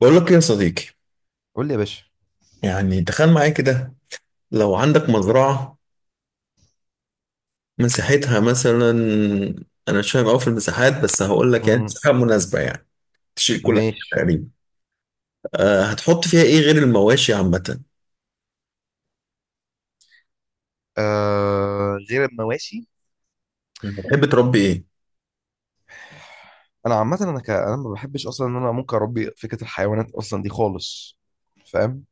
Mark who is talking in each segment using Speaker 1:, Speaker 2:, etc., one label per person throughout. Speaker 1: بقول لك يا صديقي،
Speaker 2: قول لي يا باشا.
Speaker 1: يعني تخيل معايا كده. لو عندك مزرعة مساحتها مثلا، أنا مش فاهم أوي في المساحات بس هقول لك يعني
Speaker 2: مم.
Speaker 1: مساحة مناسبة يعني. تشيل كل حاجة
Speaker 2: ماشي.
Speaker 1: تقريبا. أه، هتحط فيها إيه غير المواشي عامة؟
Speaker 2: آه غير المواشي.
Speaker 1: بتحب تربي إيه؟
Speaker 2: انا عامه انا ما بحبش اصلا ان انا ممكن اربي فكره الحيوانات اصلا دي خالص. فاهم.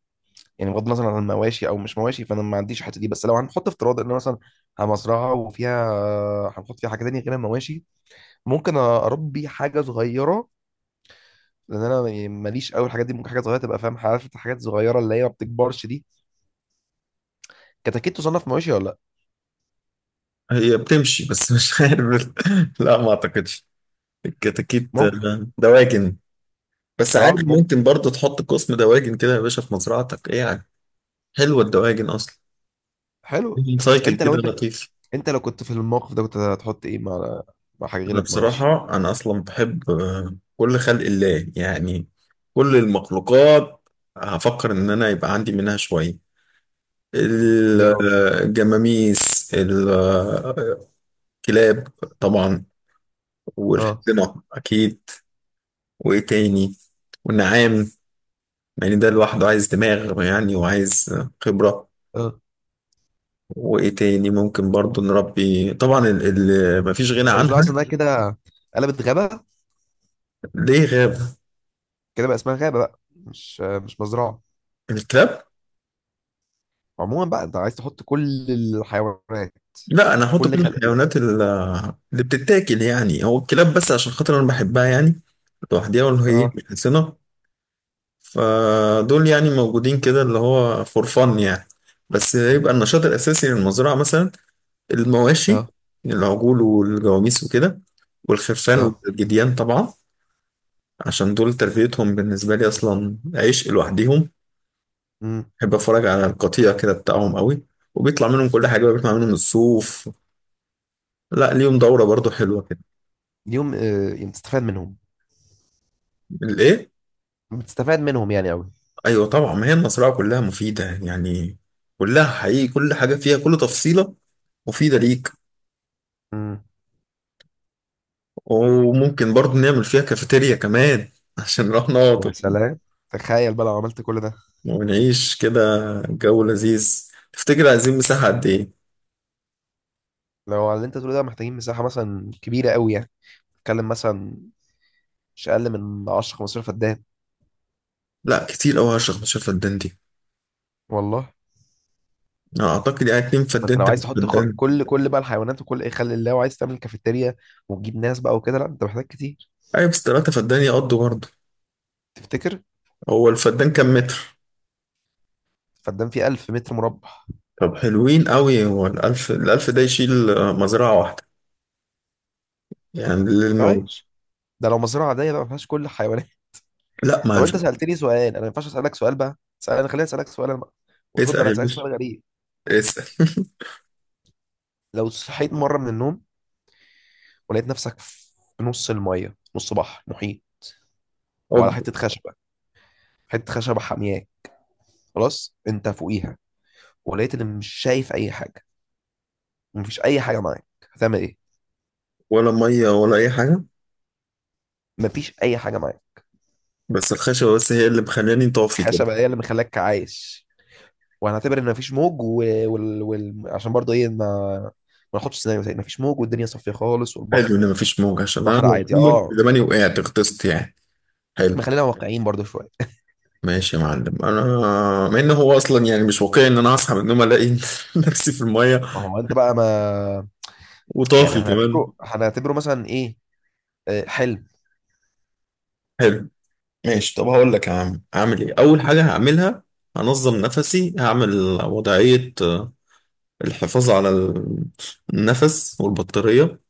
Speaker 2: يعني بغض النظر عن المواشي او مش مواشي فانا ما عنديش الحته دي، بس لو هنحط افتراض ان أنا مثلا مزرعه وفيها، هنحط فيها حاجه تانية غير المواشي. ممكن اربي حاجه صغيره لان انا يعني ماليش قوي الحاجات دي. ممكن حاجه صغيره تبقى فاهم، عارف انت حاجات صغيره اللي هي ما بتكبرش دي. كتاكيت تصنف مواشي ولا لا؟
Speaker 1: هي بتمشي بس مش عارف. لا، ما أعتقدش. الكتاكيت
Speaker 2: ممكن.
Speaker 1: دواجن. بس
Speaker 2: اه
Speaker 1: عادي
Speaker 2: ممكن.
Speaker 1: ممكن برضه تحط قسم دواجن كده يا باشا في مزرعتك، إيه يعني؟ حلوة الدواجن أصلا.
Speaker 2: حلو.
Speaker 1: سايكل
Speaker 2: انت لو
Speaker 1: كده
Speaker 2: انت،
Speaker 1: لطيف.
Speaker 2: انت لو كنت في الموقف ده كنت هتحط ايه مع، مع حاجه غير
Speaker 1: انا
Speaker 2: المواشي؟
Speaker 1: بصراحة انا اصلا بحب كل خلق الله يعني. كل المخلوقات. هفكر ان انا يبقى عندي منها شوية.
Speaker 2: يا راجل.
Speaker 1: الجماميس، الكلاب، طبعا،
Speaker 2: اه.
Speaker 1: والحصنة اكيد. وايه تاني؟ والنعام. يعني ده لوحده عايز دماغ يعني، وعايز خبرة.
Speaker 2: اه.
Speaker 1: وايه تاني ممكن برضو نربي؟ طبعا اللي مفيش غنى
Speaker 2: انت مش
Speaker 1: عنها.
Speaker 2: لاحظ انها كده قلبت غابه؟
Speaker 1: ليه غاب؟
Speaker 2: كده بقى اسمها غابه بقى مش مزرعه.
Speaker 1: الكلاب.
Speaker 2: عموما بقى انت عايز تحط كل الحيوانات.
Speaker 1: لا، انا هحط
Speaker 2: كل
Speaker 1: كل
Speaker 2: خلق الله.
Speaker 1: الحيوانات ال-. اللي بتتاكل، يعني هو الكلاب بس عشان خاطر انا بحبها يعني. لوحديها ولا هي
Speaker 2: اه.
Speaker 1: مش حسنة. فدول يعني موجودين كده اللي هو فور فن يعني. بس يبقى النشاط الاساسي للمزرعه مثلا المواشي.
Speaker 2: اه.
Speaker 1: العجول والجواميس وكده، والخرفان
Speaker 2: اه.
Speaker 1: والجديان طبعا. عشان دول تربيتهم بالنسبه لي اصلا عشق لوحديهم.
Speaker 2: امم.
Speaker 1: بحب اتفرج على القطيع كده بتاعهم قوي. وبيطلع منهم كل حاجه بقى، بيطلع منهم الصوف. لا، ليهم دوره برضو حلوه كده.
Speaker 2: اليوم آه يوم تستفاد منهم.
Speaker 1: الايه؟
Speaker 2: بتستفاد منهم يعني قوي.
Speaker 1: ايوه طبعا، ما هي المزرعه كلها مفيده يعني. كلها حقيقي، كل حاجه فيها، كل تفصيله مفيده ليك.
Speaker 2: امم.
Speaker 1: وممكن برضو نعمل فيها كافيتيريا كمان عشان نروح نقعد
Speaker 2: يا سلام. تخيل بقى لو عملت كل ده.
Speaker 1: ونعيش كده. جو لذيذ. تفتكر عايزين مساحه قد ايه؟
Speaker 2: لو على اللي انت تقوله ده محتاجين مساحه مثلا كبيره قوي يعني، نتكلم مثلا مش اقل من 10 15 فدان.
Speaker 1: لا كتير قوي 10 15 فدان دي.
Speaker 2: والله.
Speaker 1: أنا اعتقد يعني اتنين
Speaker 2: ما انت
Speaker 1: فدان
Speaker 2: لو عايز
Speaker 1: تلات
Speaker 2: تحط خ...
Speaker 1: فدان
Speaker 2: كل كل بقى الحيوانات وكل ايه خلي الله وعايز تعمل كافيتيريا وتجيب ناس بقى وكده، لا انت محتاج كتير.
Speaker 1: ايوه بس 3 فدان يقضوا برضه.
Speaker 2: تفتكر؟
Speaker 1: هو الفدان كام متر؟
Speaker 2: فدان فيه 1,000 متر مربع.
Speaker 1: طب حلوين قوي، هو الألف الألف ده يشيل مزرعة واحدة، يعني
Speaker 2: طيب
Speaker 1: للموز.
Speaker 2: ده لو مزرعه عاديه بقى ما فيهاش كل الحيوانات.
Speaker 1: لا ما
Speaker 2: طب
Speaker 1: الف-
Speaker 2: انت سالتني سؤال، انا ما ينفعش اسالك سؤال بقى؟ انا خليني اسالك سؤال انا بقى وترد
Speaker 1: اسأل
Speaker 2: عليا.
Speaker 1: يا
Speaker 2: اسالك
Speaker 1: باشا،
Speaker 2: سؤال غريب.
Speaker 1: اسأل.
Speaker 2: لو صحيت مره من النوم ولقيت نفسك في نص الميه، نص بحر محيط، وعلى
Speaker 1: حب.
Speaker 2: حته خشبه، حته خشبه حامياك، خلاص انت فوقيها، ولقيت ان مش شايف اي حاجه، مفيش اي حاجه معاك، هتعمل ايه؟
Speaker 1: ولا مية ولا أي حاجة.
Speaker 2: مفيش اي حاجه معاك.
Speaker 1: بس الخشبة بس هي اللي مخلاني طافي كده.
Speaker 2: خشبه هي اللي مخلاك عايش. وهنعتبر ان مفيش موج. عشان برضه ايه، ما ناخدش سيناريو تاني، مفيش موج والدنيا صافيه خالص
Speaker 1: حلو
Speaker 2: والبحر
Speaker 1: إن مفيش موج، عشان أنا
Speaker 2: بحر
Speaker 1: لو في
Speaker 2: عادي.
Speaker 1: موج
Speaker 2: اه.
Speaker 1: زماني وقعت غطست يعني. حلو.
Speaker 2: نخلينا واقعيين برضه شويه.
Speaker 1: ماشي يا معلم. أنا مع إن هو أصلا يعني مش واقعي إن أنا هصحى من النوم ألاقي نفسي في المية
Speaker 2: ما هو انت بقى ما، يعني
Speaker 1: وطافي كمان.
Speaker 2: هنعتبره مثلا ايه، آه، حلم.
Speaker 1: حلو. ماشي، طب هقول لك يا عم. أعمل إيه أول حاجة هعملها؟ هنظم نفسي. هعمل وضعية الحفاظ على النفس والبطارية.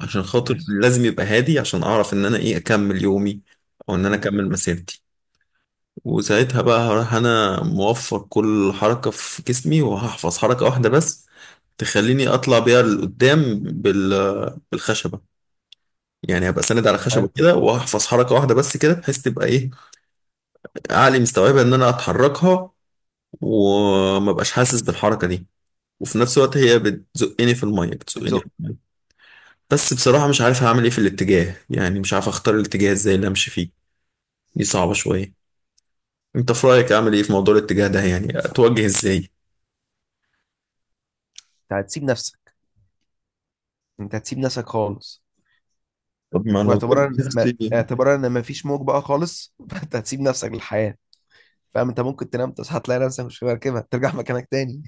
Speaker 1: عشان خاطر
Speaker 2: ماشي.
Speaker 1: لازم يبقى هادي عشان اعرف ان انا ايه اكمل يومي، او ان انا
Speaker 2: مم.
Speaker 1: اكمل مسيرتي. وساعتها بقى هروح انا موفر كل حركة في جسمي وهحفظ حركة واحدة بس تخليني اطلع بيها لقدام بالخشبة. يعني هبقى ساند على خشبة
Speaker 2: حلو.
Speaker 1: كده وهحفظ حركة واحدة بس كده بحيث تبقى ايه؟ عقلي مستوعبة ان انا اتحركها وما بقاش حاسس بالحركة دي. وفي نفس الوقت هي بتزقني في المية بتزقني في
Speaker 2: بتزق.
Speaker 1: المية. بس بصراحة مش عارف هعمل ايه في الاتجاه، يعني مش عارف اختار الاتجاه ازاي اللي امشي فيه. دي صعبة شوية. انت في رأيك اعمل ايه في موضوع الاتجاه ده؟ يعني اتوجه ازاي؟
Speaker 2: انت هتسيب نفسك، انت هتسيب نفسك خالص.
Speaker 1: طب ما لو
Speaker 2: واعتبارا
Speaker 1: سبت
Speaker 2: ان ما...
Speaker 1: نفسي
Speaker 2: اعتبارا ان مفيش موج بقى خالص فانت هتسيب نفسك للحياه. فاهم. انت ممكن تنام تصحى تلاقي نفسك مش في مركبه، ترجع مكانك تاني.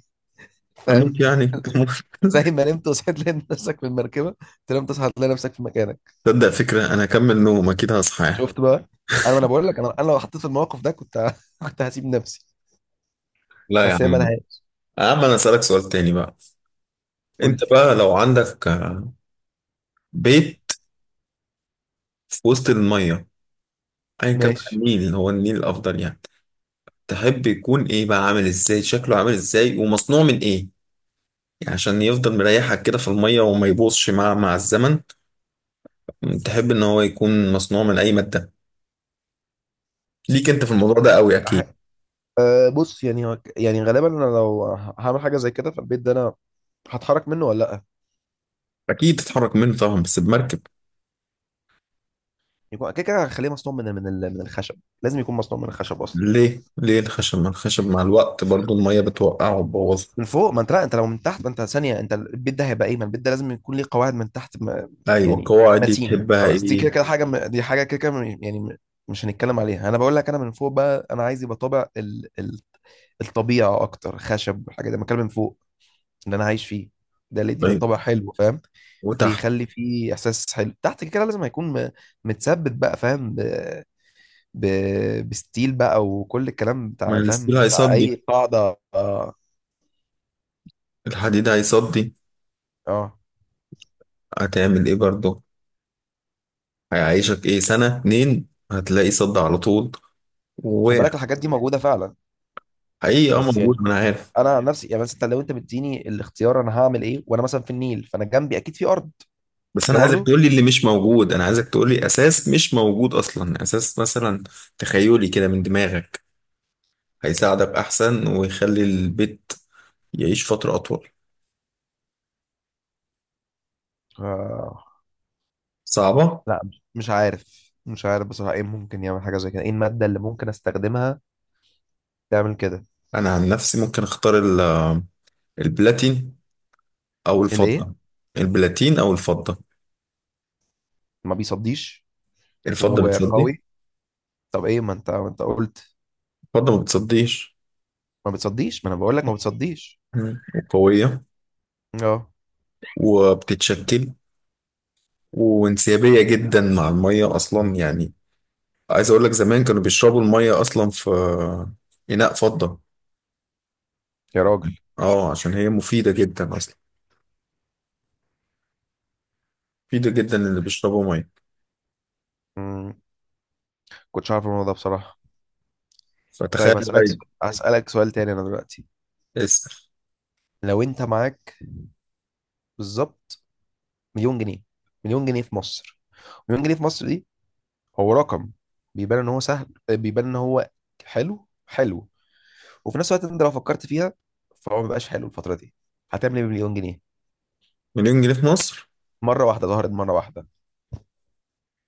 Speaker 2: فاهم.
Speaker 1: اموت يعني
Speaker 2: زي ما نمت وصحيت لقيت نفسك في المركبه، تنام تصحى تلاقي نفسك في مكانك.
Speaker 1: تصدق فكرة انا اكمل نوم اكيد هصحى.
Speaker 2: شفت بقى. انا بقول لك، انا لو حطيت في الموقف ده كنت كنت هسيب نفسي.
Speaker 1: لا يا
Speaker 2: بس هي
Speaker 1: عم.
Speaker 2: ملهاش.
Speaker 1: يا عم انا اسألك سؤال تاني بقى.
Speaker 2: قول
Speaker 1: انت
Speaker 2: لي.
Speaker 1: بقى لو عندك بيت في وسط المية، ايا كان بقى
Speaker 2: ماشي.
Speaker 1: النيل، هو النيل الافضل يعني. تحب يكون ايه بقى؟ عامل ازاي شكله؟ عامل ازاي ومصنوع من ايه؟ يعني عشان يفضل مريحك كده في المية وما يبوظش مع الزمن. تحب ان هو يكون مصنوع من اي مادة؟ ليك انت في الموضوع ده قوي
Speaker 2: أح...
Speaker 1: اكيد.
Speaker 2: أه بص، يعني يعني غالبا انا لو هعمل حاجه زي كده في البيت ده، انا هتحرك منه ولا لا؟
Speaker 1: اكيد تتحرك منه طبعا بس بمركب.
Speaker 2: يكون كده كده هخليه مصنوع من الخشب. لازم يكون مصنوع من الخشب اصلا.
Speaker 1: ليه؟ ليه الخشب؟ ما الخشب مع الوقت برضو المية بتوقعه وتبوظه.
Speaker 2: من فوق، ما انت لا انت لو من تحت، ما انت ثانيه، انت البيت ده هيبقى ايه، ما البيت ده لازم يكون ليه قواعد من تحت ما.
Speaker 1: ايوه،
Speaker 2: يعني
Speaker 1: القواعد دي
Speaker 2: متينه
Speaker 1: تحبها
Speaker 2: خلاص، دي
Speaker 1: ايه؟
Speaker 2: كده كده حاجه دي حاجه كده كده يعني مش هنتكلم عليها. انا بقول لك انا من فوق بقى، انا عايز يبقى طابع الطبيعه اكتر. خشب والحاجه دي بتكلم من فوق اللي انا عايش فيه، ده اللي يديني
Speaker 1: طيب.
Speaker 2: طابع حلو فاهم.
Speaker 1: وتحت؟
Speaker 2: بيخلي فيه احساس حلو. تحت كده كده لازم متثبت بقى، فاهم، ب... بستيل بقى، وكل الكلام
Speaker 1: ما
Speaker 2: بتاع
Speaker 1: الستيل
Speaker 2: فاهم بتاع
Speaker 1: هيصدي.
Speaker 2: اي قاعده. اه.
Speaker 1: الحديد هيصدي.
Speaker 2: اه.
Speaker 1: هتعمل ايه برضو؟ هيعيشك ايه سنة اتنين هتلاقي صد على طول.
Speaker 2: خد
Speaker 1: وحقيقي.
Speaker 2: بالك الحاجات دي موجوده فعلا،
Speaker 1: اه
Speaker 2: بس
Speaker 1: موجود،
Speaker 2: يعني
Speaker 1: ما انا عارف.
Speaker 2: انا عن نفسي يعني، بس انت لو انت مديني الاختيار انا هعمل ايه وانا مثلا في النيل، فانا جنبي اكيد في ارض.
Speaker 1: بس
Speaker 2: مش
Speaker 1: انا
Speaker 2: كده
Speaker 1: عايزك
Speaker 2: برضو.
Speaker 1: تقولي اللي مش موجود. انا عايزك تقولي اساس مش موجود اصلا، اساس مثلا. تخيلي كده من دماغك. هيساعدك احسن ويخلي البيت يعيش فترة اطول.
Speaker 2: آه.
Speaker 1: صعبة.
Speaker 2: لا. مش عارف، مش عارف بصراحه ايه ممكن يعمل حاجه زي كده، ايه الماده اللي ممكن استخدمها تعمل كده؟
Speaker 1: أنا عن نفسي ممكن أختار البلاتين أو
Speaker 2: الايه؟
Speaker 1: الفضة. البلاتين أو الفضة.
Speaker 2: ما بيصديش.
Speaker 1: الفضة بتصدي.
Speaker 2: وقوي. طب ايه؟ ما انت قلت
Speaker 1: الفضة ما بتصديش.
Speaker 2: ما بتصديش، ما انا بقول لك ما بتصديش.
Speaker 1: مم. وقوية.
Speaker 2: اه.
Speaker 1: وبتتشكل. وانسيابية جدا مع المية أصلا يعني. عايز أقول لك زمان كانوا بيشربوا المية أصلا في إناء فضة.
Speaker 2: يا راجل.
Speaker 1: أه، عشان هي مفيدة جدا أصلا. مفيدة جدا اللي بيشربوا مية.
Speaker 2: مم. كنتش عارف الموضوع ده بصراحه.
Speaker 1: فتخيل
Speaker 2: طيب
Speaker 1: بقى.
Speaker 2: هسألك سؤال تاني انا دلوقتي.
Speaker 1: اسأل.
Speaker 2: لو انت معاك بالظبط مليون جنيه، مليون جنيه في مصر، مليون جنيه في مصر دي هو رقم، بيبان ان هو سهل، بيبان ان هو حلو، حلو، وفي نفس الوقت انت لو فكرت فيها فهو مبقاش حلو الفترة دي. هتعمل ايه بمليون جنيه؟
Speaker 1: مليون جنيه في مصر.
Speaker 2: مرة واحدة ظهرت مرة واحدة،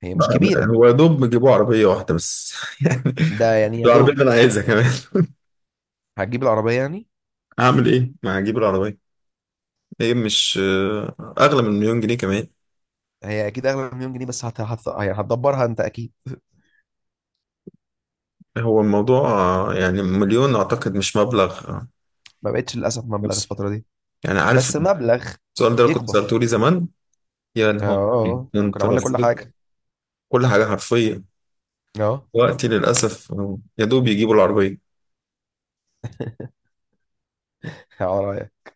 Speaker 2: هي مش كبيرة.
Speaker 1: هو يا دوب بيجيبوا عربية واحدة بس يعني.
Speaker 2: ده يعني يا
Speaker 1: العربية
Speaker 2: دوب.
Speaker 1: اللي أنا عايزها كمان
Speaker 2: هتجيب العربية يعني.
Speaker 1: أعمل إيه؟ ما هجيب العربية. هي مش أغلى من مليون جنيه كمان.
Speaker 2: هي اكيد اغلى من مليون جنيه، يعني هتدبرها انت اكيد.
Speaker 1: هو الموضوع يعني مليون أعتقد مش مبلغ
Speaker 2: ما بقتش للاسف مبلغ
Speaker 1: مصري.
Speaker 2: الفترة دي،
Speaker 1: يعني عارف.
Speaker 2: بس مبلغ
Speaker 1: السؤال ده لو كنت
Speaker 2: يكبر.
Speaker 1: سألته لي زمان. يا
Speaker 2: اه.
Speaker 1: نهار
Speaker 2: آه.
Speaker 1: أبيض،
Speaker 2: آه. كنا
Speaker 1: أنت
Speaker 2: عملنا كل
Speaker 1: رصيد.
Speaker 2: حاجة.
Speaker 1: كل حاجة حرفيا.
Speaker 2: اه.
Speaker 1: وقتي للأسف يا دوب يجيبوا العربية.
Speaker 2: على رأيك.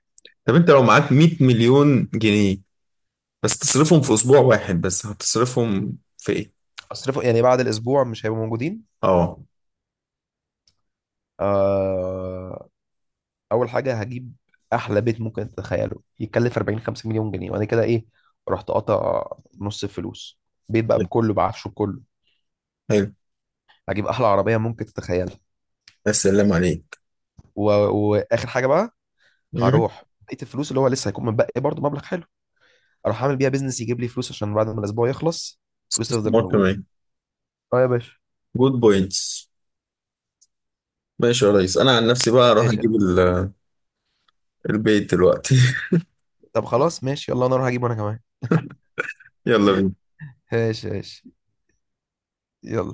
Speaker 1: طب أنت لو معاك 100 مليون جنيه بس تصرفهم في أسبوع واحد بس هتصرفهم في إيه؟
Speaker 2: اصرفه يعني، بعد الاسبوع مش هيبقوا موجودين.
Speaker 1: آه.
Speaker 2: آه. اول حاجه هجيب احلى بيت ممكن تتخيله يتكلف 40 50 مليون جنيه. وانا كده ايه، رحت قاطع نص الفلوس. بيت بقى
Speaker 1: طيب،
Speaker 2: بكله، بعفشه بكله.
Speaker 1: حلو.
Speaker 2: هجيب احلى عربيه ممكن تتخيلها.
Speaker 1: يا سلام عليك.
Speaker 2: و... واخر حاجه بقى،
Speaker 1: مم.
Speaker 2: هروح بقيه الفلوس اللي هو لسه هيكون متبقي برضه مبلغ حلو، اروح اعمل بيها بيزنس يجيب لي فلوس عشان بعد ما الاسبوع يخلص فلوس تفضل
Speaker 1: استثمار
Speaker 2: موجوده.
Speaker 1: كمان.
Speaker 2: اه يا باشا.
Speaker 1: جود بوينتس. ماشي يا ريس. انا عن نفسي بقى اروح
Speaker 2: ماشي.
Speaker 1: اجيب البيت دلوقتي
Speaker 2: طب خلاص ماشي. يلا انا اروح اجيب وانا كمان.
Speaker 1: يلا بينا.
Speaker 2: ماشي ماشي. يلا.